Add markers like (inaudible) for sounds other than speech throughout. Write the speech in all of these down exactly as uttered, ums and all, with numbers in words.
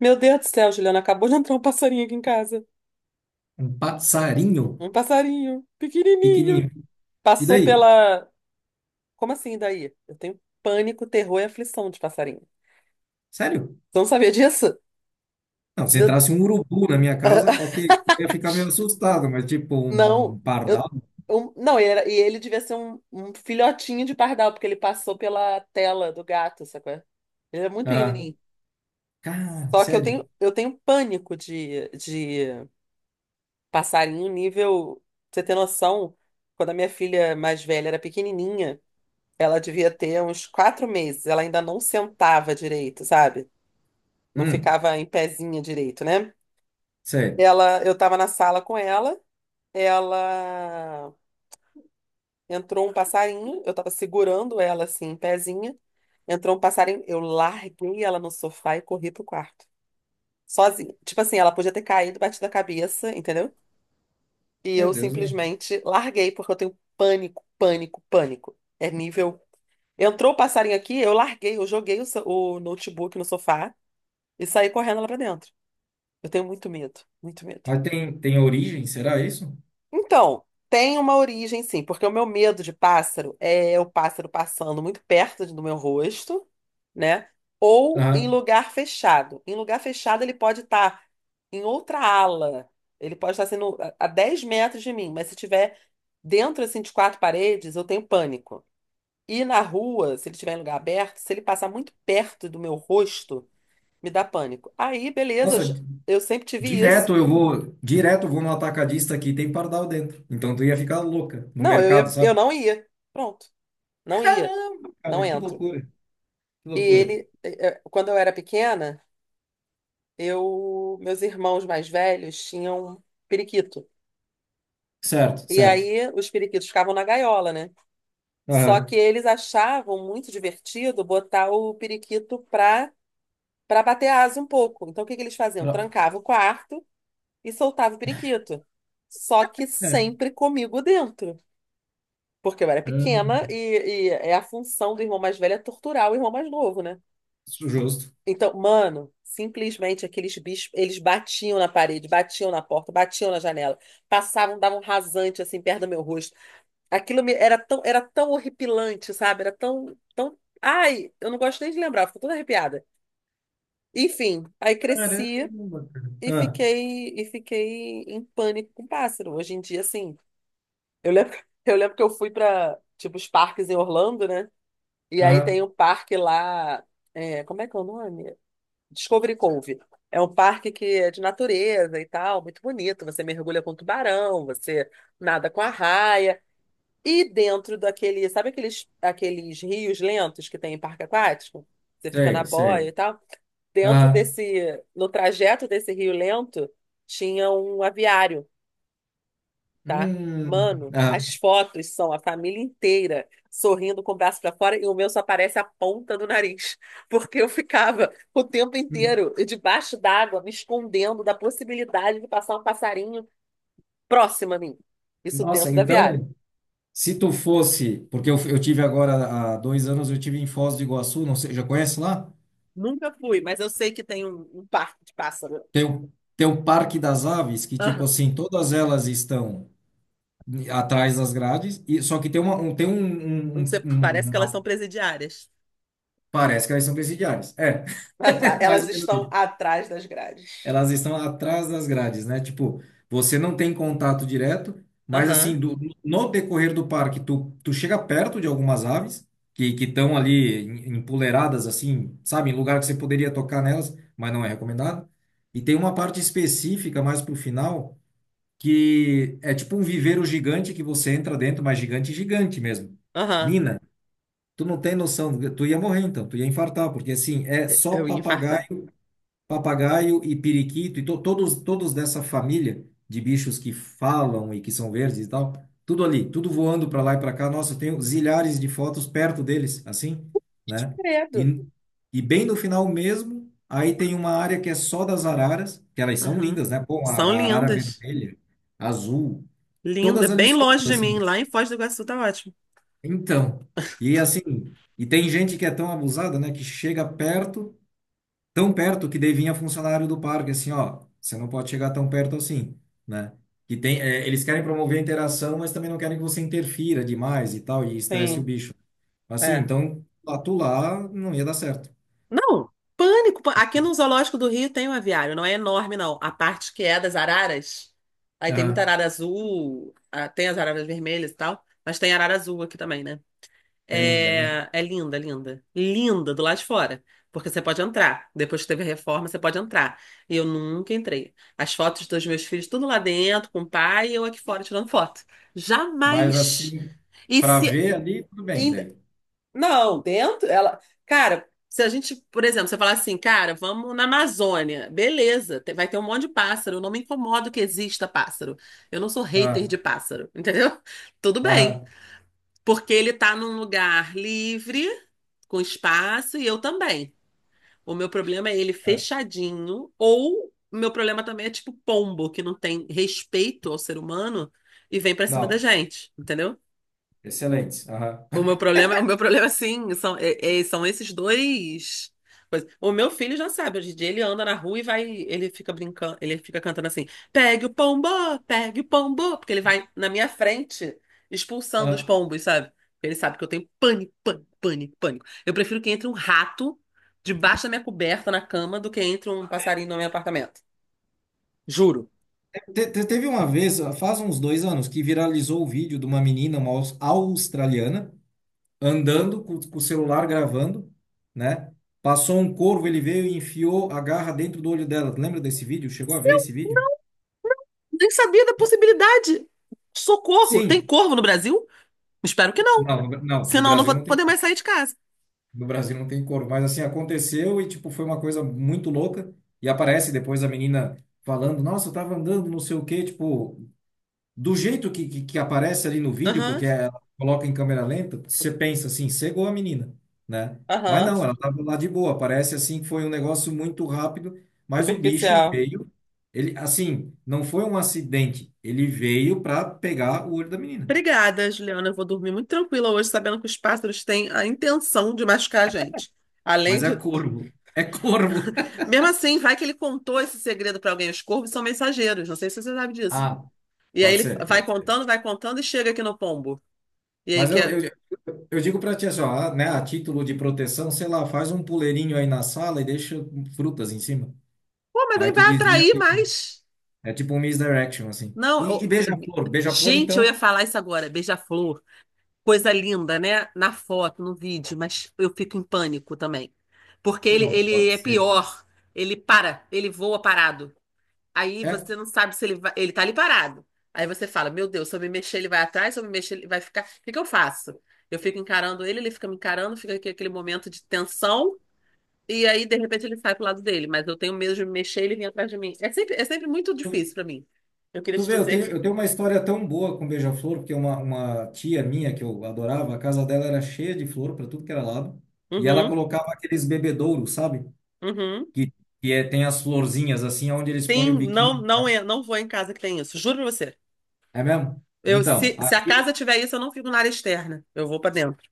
Meu Deus do céu, Juliana, acabou de entrar um passarinho aqui em casa. Um passarinho Um passarinho, pequenininho. pequenininho. E Passou daí? pela. Como assim, daí? Eu tenho pânico, terror e aflição de passarinho. Sério? Você não sabia disso? Não, se Meu... entrasse um urubu na minha casa, ok, eu ia ficar meio assustado, mas tipo um Não. Eu... pardal? um- Não, e era... e ele devia ser um... um filhotinho de pardal, porque ele passou pela tela do gato, sacou? Ele é muito Ah, pequenininho. cara, Só que eu sério? tenho, eu tenho pânico de, de passarinho nível. Pra você ter noção, quando a minha filha mais velha era pequenininha. Ela devia ter uns quatro meses. Ela ainda não sentava direito, sabe? Não Hum, ficava em pezinha direito, né? sério. Ela, eu tava na sala com ela. Ela entrou um passarinho. Eu tava segurando ela assim, em pezinha. Entrou um passarinho. Eu larguei ela no sofá e corri pro quarto, sozinha. Tipo assim, ela podia ter caído, batido a cabeça, entendeu? E Meu eu Deus, né? simplesmente larguei porque eu tenho pânico, pânico, pânico. É nível. Entrou o passarinho aqui, eu larguei, eu joguei o so- o notebook no sofá. E sair correndo lá pra dentro. Eu tenho muito medo, muito medo. Mas tem, tem origem, será isso? Então, tem uma origem sim, porque o meu medo de pássaro é o pássaro passando muito perto do meu rosto, né? Ou em Aham. lugar fechado. Em lugar fechado, ele pode estar em outra ala. Ele pode estar sendo a a dez metros de mim, mas se tiver dentro assim de quatro paredes, eu tenho pânico. E na rua, se ele estiver em lugar aberto, se ele passar muito perto do meu rosto, me dá pânico. Aí, beleza, eu, Nossa, j- di- eu sempre tive isso. direto eu vou, direto eu vou no atacadista aqui, tem pardal dentro. Então tu ia ficar louca no Não, eu mercado, ia, eu sabe? não ia. Pronto, não ia, Caramba, não cara, que entro. loucura, que E loucura. ele, eh, eh, quando eu era pequena, eu, meus irmãos mais velhos tinham periquito. Certo, E certo. aí os periquitos ficavam na gaiola, né? Só que Aham. eles achavam muito divertido botar o periquito pra, pra bater asa um pouco. Então o que que eles faziam? Pra- Trancava o quarto e soltava o periquito. Só que É. sempre comigo dentro. Porque eu era pequena Hum, e, e é a função do irmão mais velho é torturar o irmão mais novo, né? justo. Então, mano, simplesmente aqueles bichos, eles batiam na parede, batiam na porta, batiam na janela, passavam, davam um rasante assim perto do meu rosto. Aquilo me- era tão, era tão horripilante, sabe? Era tão, tão, ai, eu não gosto nem de lembrar, fico toda arrepiada. Enfim, aí cresci Caramba, e cara. fiquei e fiquei em pânico com pássaro. Hoje em dia, assim, eu lembro, (laughs) eu lembro que eu fui para tipo os parques em Orlando, né? E Ah, aí tem aham, um parque lá, é, como é que é o nome? Discovery Cove. É um parque que é de natureza e tal, muito bonito. Você mergulha com um tubarão, você nada com arraia. E dentro daquele, sabe aqueles, aqueles rios lentos que tem em parque aquático? Você fica na sei, boia e sei. tal. Dentro Ah, desse, no trajeto desse rio lento, tinha um aviário, tá? hum, Mano, ah, as fotos são a família inteira sorrindo com o braço pra fora e o meu só aparece a ponta do nariz, (laughs) porque eu ficava o tempo hum. inteiro debaixo d'água, me escondendo da possibilidade de passar um passarinho próximo a mim. Isso Nossa, dentro do aviário. então, se tu fosse, porque eu, eu tive agora há dois anos, eu tive em Foz do Iguaçu, não sei, já conhece lá? Nunca fui, mas eu sei que tem um, um parque de pássaro. Tem o, tem o Parque das Aves, que tipo Aham. assim, todas elas estão atrás das grades, e, só que tem uma, um, tem um, Não sei, um- um- parece um, que elas são uma- presidiárias. parece que elas são presidiárias, é, Atra- (laughs) mais Elas ou menos estão isso. atrás das grades. Elas estão atrás das grades, né? Tipo, você não tem contato direto, mas Aham, assim, do- no decorrer do parque, tu, tu chega perto de algumas aves que que estão ali em- empoleiradas, assim, sabe, em lugar que você poderia tocar nelas, mas não é recomendado. E tem uma parte específica mais pro final que é tipo um viveiro gigante que você entra dentro, mas gigante, gigante mesmo. aham. Nina, tu não tem noção, tu ia morrer então, tu ia infartar, porque assim, é só Eu ia infartar. papagaio. Papagaio e periquito, e to- todos, todos dessa família de bichos que falam e que são verdes e tal, tudo ali, tudo voando para lá e para cá. Nossa, eu tenho zilhares de fotos perto deles, assim, né? Credo. E, e bem no final mesmo, aí tem uma área que é só das araras, que elas são Aham. lindas, né? Pô, a, São a arara lindas. vermelha, azul, Linda, todas ali bem longe soltas, de mim, assim. lá em Foz do Iguaçu tá ótimo. Então, e assim, e tem gente que é tão abusada, né, que chega perto tão perto que daí vinha funcionário do parque, assim, ó, você não pode chegar tão perto assim, né? Que tem, é, eles querem promover a interação, mas também não querem que você interfira demais e tal, e estresse o Sim, bicho. Assim, é. então, lá tu lá não ia dar certo. Não, pânico. pân- Aqui no Zoológico do Rio tem um aviário, não é enorme, não. A parte que é das araras, aí tem muita Aham, arara azul, ah, tem as araras vermelhas e tal, mas tem arara azul aqui também, né? que é linda, né? É, é linda, linda. Linda do lado de fora, porque você pode entrar. Depois que teve a reforma, você pode entrar. E eu nunca entrei. As fotos dos meus filhos, tudo lá dentro, com o pai, e eu aqui fora tirando foto. Mas Jamais! assim, E para se. ver ali, tudo bem, daí. Não, dentro, ela. Cara, se a gente, por exemplo, você falar assim, cara, vamos na Amazônia, beleza, te- vai ter um monte de pássaro, eu não me incomodo que exista pássaro. Eu não sou hater Ah, de pássaro, entendeu? (laughs) Tudo bem, aham, porque ele tá num lugar livre, com espaço, e eu também. O meu problema é ele certo. fechadinho, ou o meu problema também é tipo pombo, que não tem respeito ao ser humano e vem pra cima da Não, gente, entendeu? excelente. Aham. O meu problema, o meu problema sim, são, é- é- são esses dois. Coisas. O meu filho já sabe, hoje em dia ele anda na rua e vai, ele fica brincando, ele fica cantando assim: "Pegue o pombo, pegue o pombo", porque ele vai na minha frente expulsando os Aham. pombos, sabe? Porque ele sabe que eu tenho pânico, pânico, pânico, pânico. Eu prefiro que entre um rato debaixo da minha coberta na cama do que entre um passarinho no meu apartamento. Juro. Te- te- Teve uma vez, faz uns dois anos, que viralizou o vídeo de uma menina, uma aus- australiana, andando com, com o celular gravando, né? Passou um corvo, ele veio e enfiou a garra dentro do olho dela. Lembra desse vídeo? Chegou a ver esse vídeo? Nem sabia da possibilidade. Socorro, tem Sim. corvo no Brasil? Espero que não. Não, no- não, no Senão, eu não Brasil vou não tem, poder mais sair de casa. no Brasil não tem corvo, mas assim aconteceu e tipo foi uma coisa muito louca, e aparece depois a menina falando: "Nossa, eu tava andando, não sei o quê", tipo, do jeito que, que, que aparece ali no vídeo, Aham, porque ela coloca em câmera lenta, você pensa assim, cegou a menina, né? Mas aham. não, ela estava lá de boa. Parece assim que foi um negócio muito rápido, mas o bicho Superficial. veio. Ele, assim, não foi um acidente. Ele veio para pegar o olho da menina. Obrigada, Juliana. Eu vou dormir muito tranquila hoje, sabendo que os pássaros têm a intenção de machucar a gente. Além Mas é de. corvo. É corvo. (laughs) Mesmo assim, vai que ele contou esse segredo para alguém. Os corvos são mensageiros, não sei se você sabe disso. Ah, E aí pode ele ser, vai pode ser. contando, vai contando e chega aqui no pombo. E aí Mas eu, quer. eu, eu digo para ti assim, ó, ah, né, a título de proteção, sei lá, faz um puleirinho aí na sala e deixa frutas em cima. Pô, mas Aí aí tu vai desvia. atrair mais. É tipo um misdirection, assim. Não, E, e eu- beija-flor. Beija-flor, Gente, eu ia então, falar isso agora. Beija-flor. Coisa linda, né? Na foto, no vídeo, mas eu fico em pânico também. Porque ele, não ele pode é ser, né? pior. Ele para, ele voa parado. Aí É, você não sabe se ele vai, ele tá ali parado. Aí você fala, meu Deus, se eu me mexer, ele vai atrás, se eu me mexer, ele vai ficar. O que que eu faço? Eu fico encarando ele, ele fica me encarando, fica aqui aquele momento de tensão, e aí, de repente, ele sai pro lado dele. Mas eu tenho medo de me mexer, e ele vem atrás de mim. É sempre, é sempre muito tu, difícil pra mim. Eu queria tu te vê, eu dizer tenho, eu que. tenho uma história tão boa com beija-flor, porque uma, uma tia minha que eu adorava, a casa dela era cheia de flor para tudo que era lado. E ela Uhum, colocava aqueles bebedouros, sabe? uhum. Que, que é, tem as florzinhas, assim, onde eles põem o Sim, não, biquinho. não, é, não vou em casa que tem isso, juro pra você. É mesmo? Eu, Então, se, se a aqui. casa tiver isso, eu não fico na área externa, eu vou pra dentro.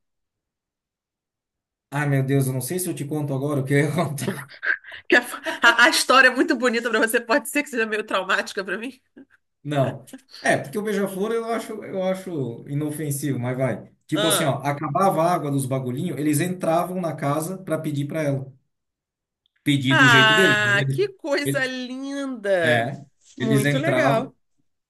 Ai, meu Deus, eu não sei se eu te conto agora o que (laughs) aconteceu. (laughs) Porque a, a- a história é muito bonita pra você, pode ser que seja meio traumática pra mim. Não. É, porque o beija-flor eu acho, eu acho inofensivo, mas vai. Tipo assim, Ah, ó, acabava a água dos bagulhinhos, eles entravam na casa para pedir para ela. Pedir do jeito deles. Mas ah, Eles, que coisa ele- linda! é, eles Muito entravam, legal.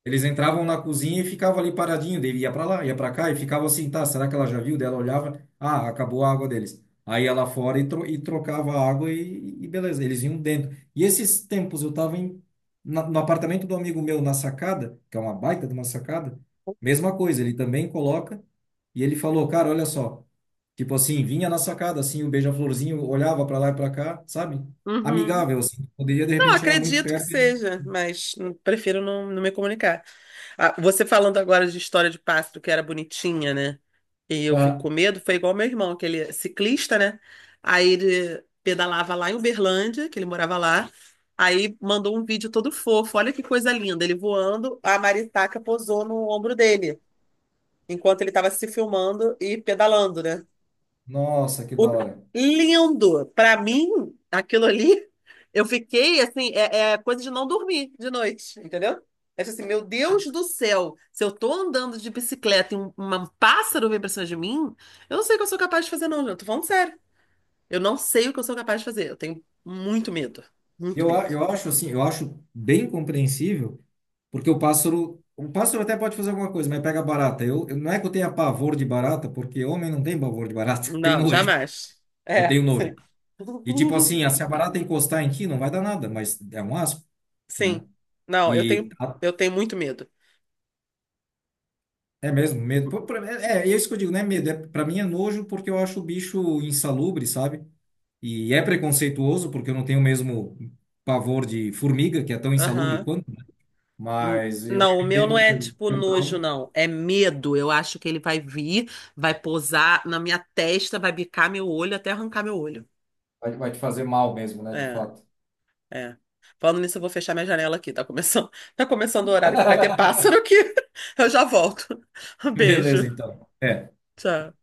eles entravam na cozinha e ficavam ali paradinho, daí ia para lá, ia para cá e ficava assim, tá, será que ela já viu? Daí ela olhava, ah, acabou a água deles. Aí ela fora e, tro e trocava a água e, e beleza, eles iam dentro. E esses tempos eu tava em, na, no apartamento do amigo meu na sacada, que é uma baita de uma sacada, mesma coisa, ele também coloca, e ele falou, cara, olha só, tipo assim, vinha na sacada, assim, o beija-florzinho olhava para lá e para cá, sabe? Uhum. Amigável, assim, poderia de Não, repente chegar muito acredito que perto. e- seja, mas hum, prefiro não, não me comunicar. Ah, você falando agora de história de pássaro que era bonitinha, né? E eu fico Ah, com medo, foi igual meu irmão, que ele é ciclista, né? Aí ele pedalava lá em Uberlândia, que ele morava lá. Aí mandou um vídeo todo fofo, olha que coisa linda, ele voando, a maritaca posou no ombro dele, enquanto ele estava se filmando e pedalando, né? nossa, que da O, hora. lindo! Para mim, aquilo ali, eu fiquei assim, é, é coisa de não dormir de noite, entendeu? É tipo assim, meu Deus do céu, se eu tô andando de bicicleta e um, um pássaro vem pra cima de mim, eu não sei o que eu sou capaz de fazer, não, gente. Eu tô falando sério. Eu não sei o que eu sou capaz de fazer. Eu tenho muito medo. Muito Eu, a- medo. eu acho assim, eu acho bem compreensível, porque o pássaro, o pássaro até pode fazer alguma coisa, mas pega barata. Eu, eu- não é que eu tenha pavor de barata, porque homem não tem pavor de barata, (laughs) tem Não, nojo. jamais. Eu É, tenho sim. nojo. E tipo (laughs) assim, ah, se a barata encostar em ti, não vai dar nada, mas é um asco, né? Sim. Não, eu E tenho, a- eu tenho muito medo. é mesmo medo. Pô, pra- É, é isso que eu digo, não é medo, é para mim é nojo porque eu acho o bicho insalubre, sabe? E é preconceituoso porque eu não tenho o mesmo pavor de formiga, que é tão insalubre Aham. quanto. N- Mas eu eu Não, o meu não entendo que é o tipo que o nojo, trauma não. É medo. Eu acho que ele vai vir, vai pousar na minha testa, vai bicar meu olho até arrancar meu olho. vai vai te fazer mal mesmo, né? De É, fato. é. Falando nisso, eu vou fechar minha janela aqui. Tá começando, (laughs) tá começando o horário que vai ter pássaro (laughs) aqui. (laughs) Eu já volto. (laughs) Um Beleza, beijo. então. É. Tchau.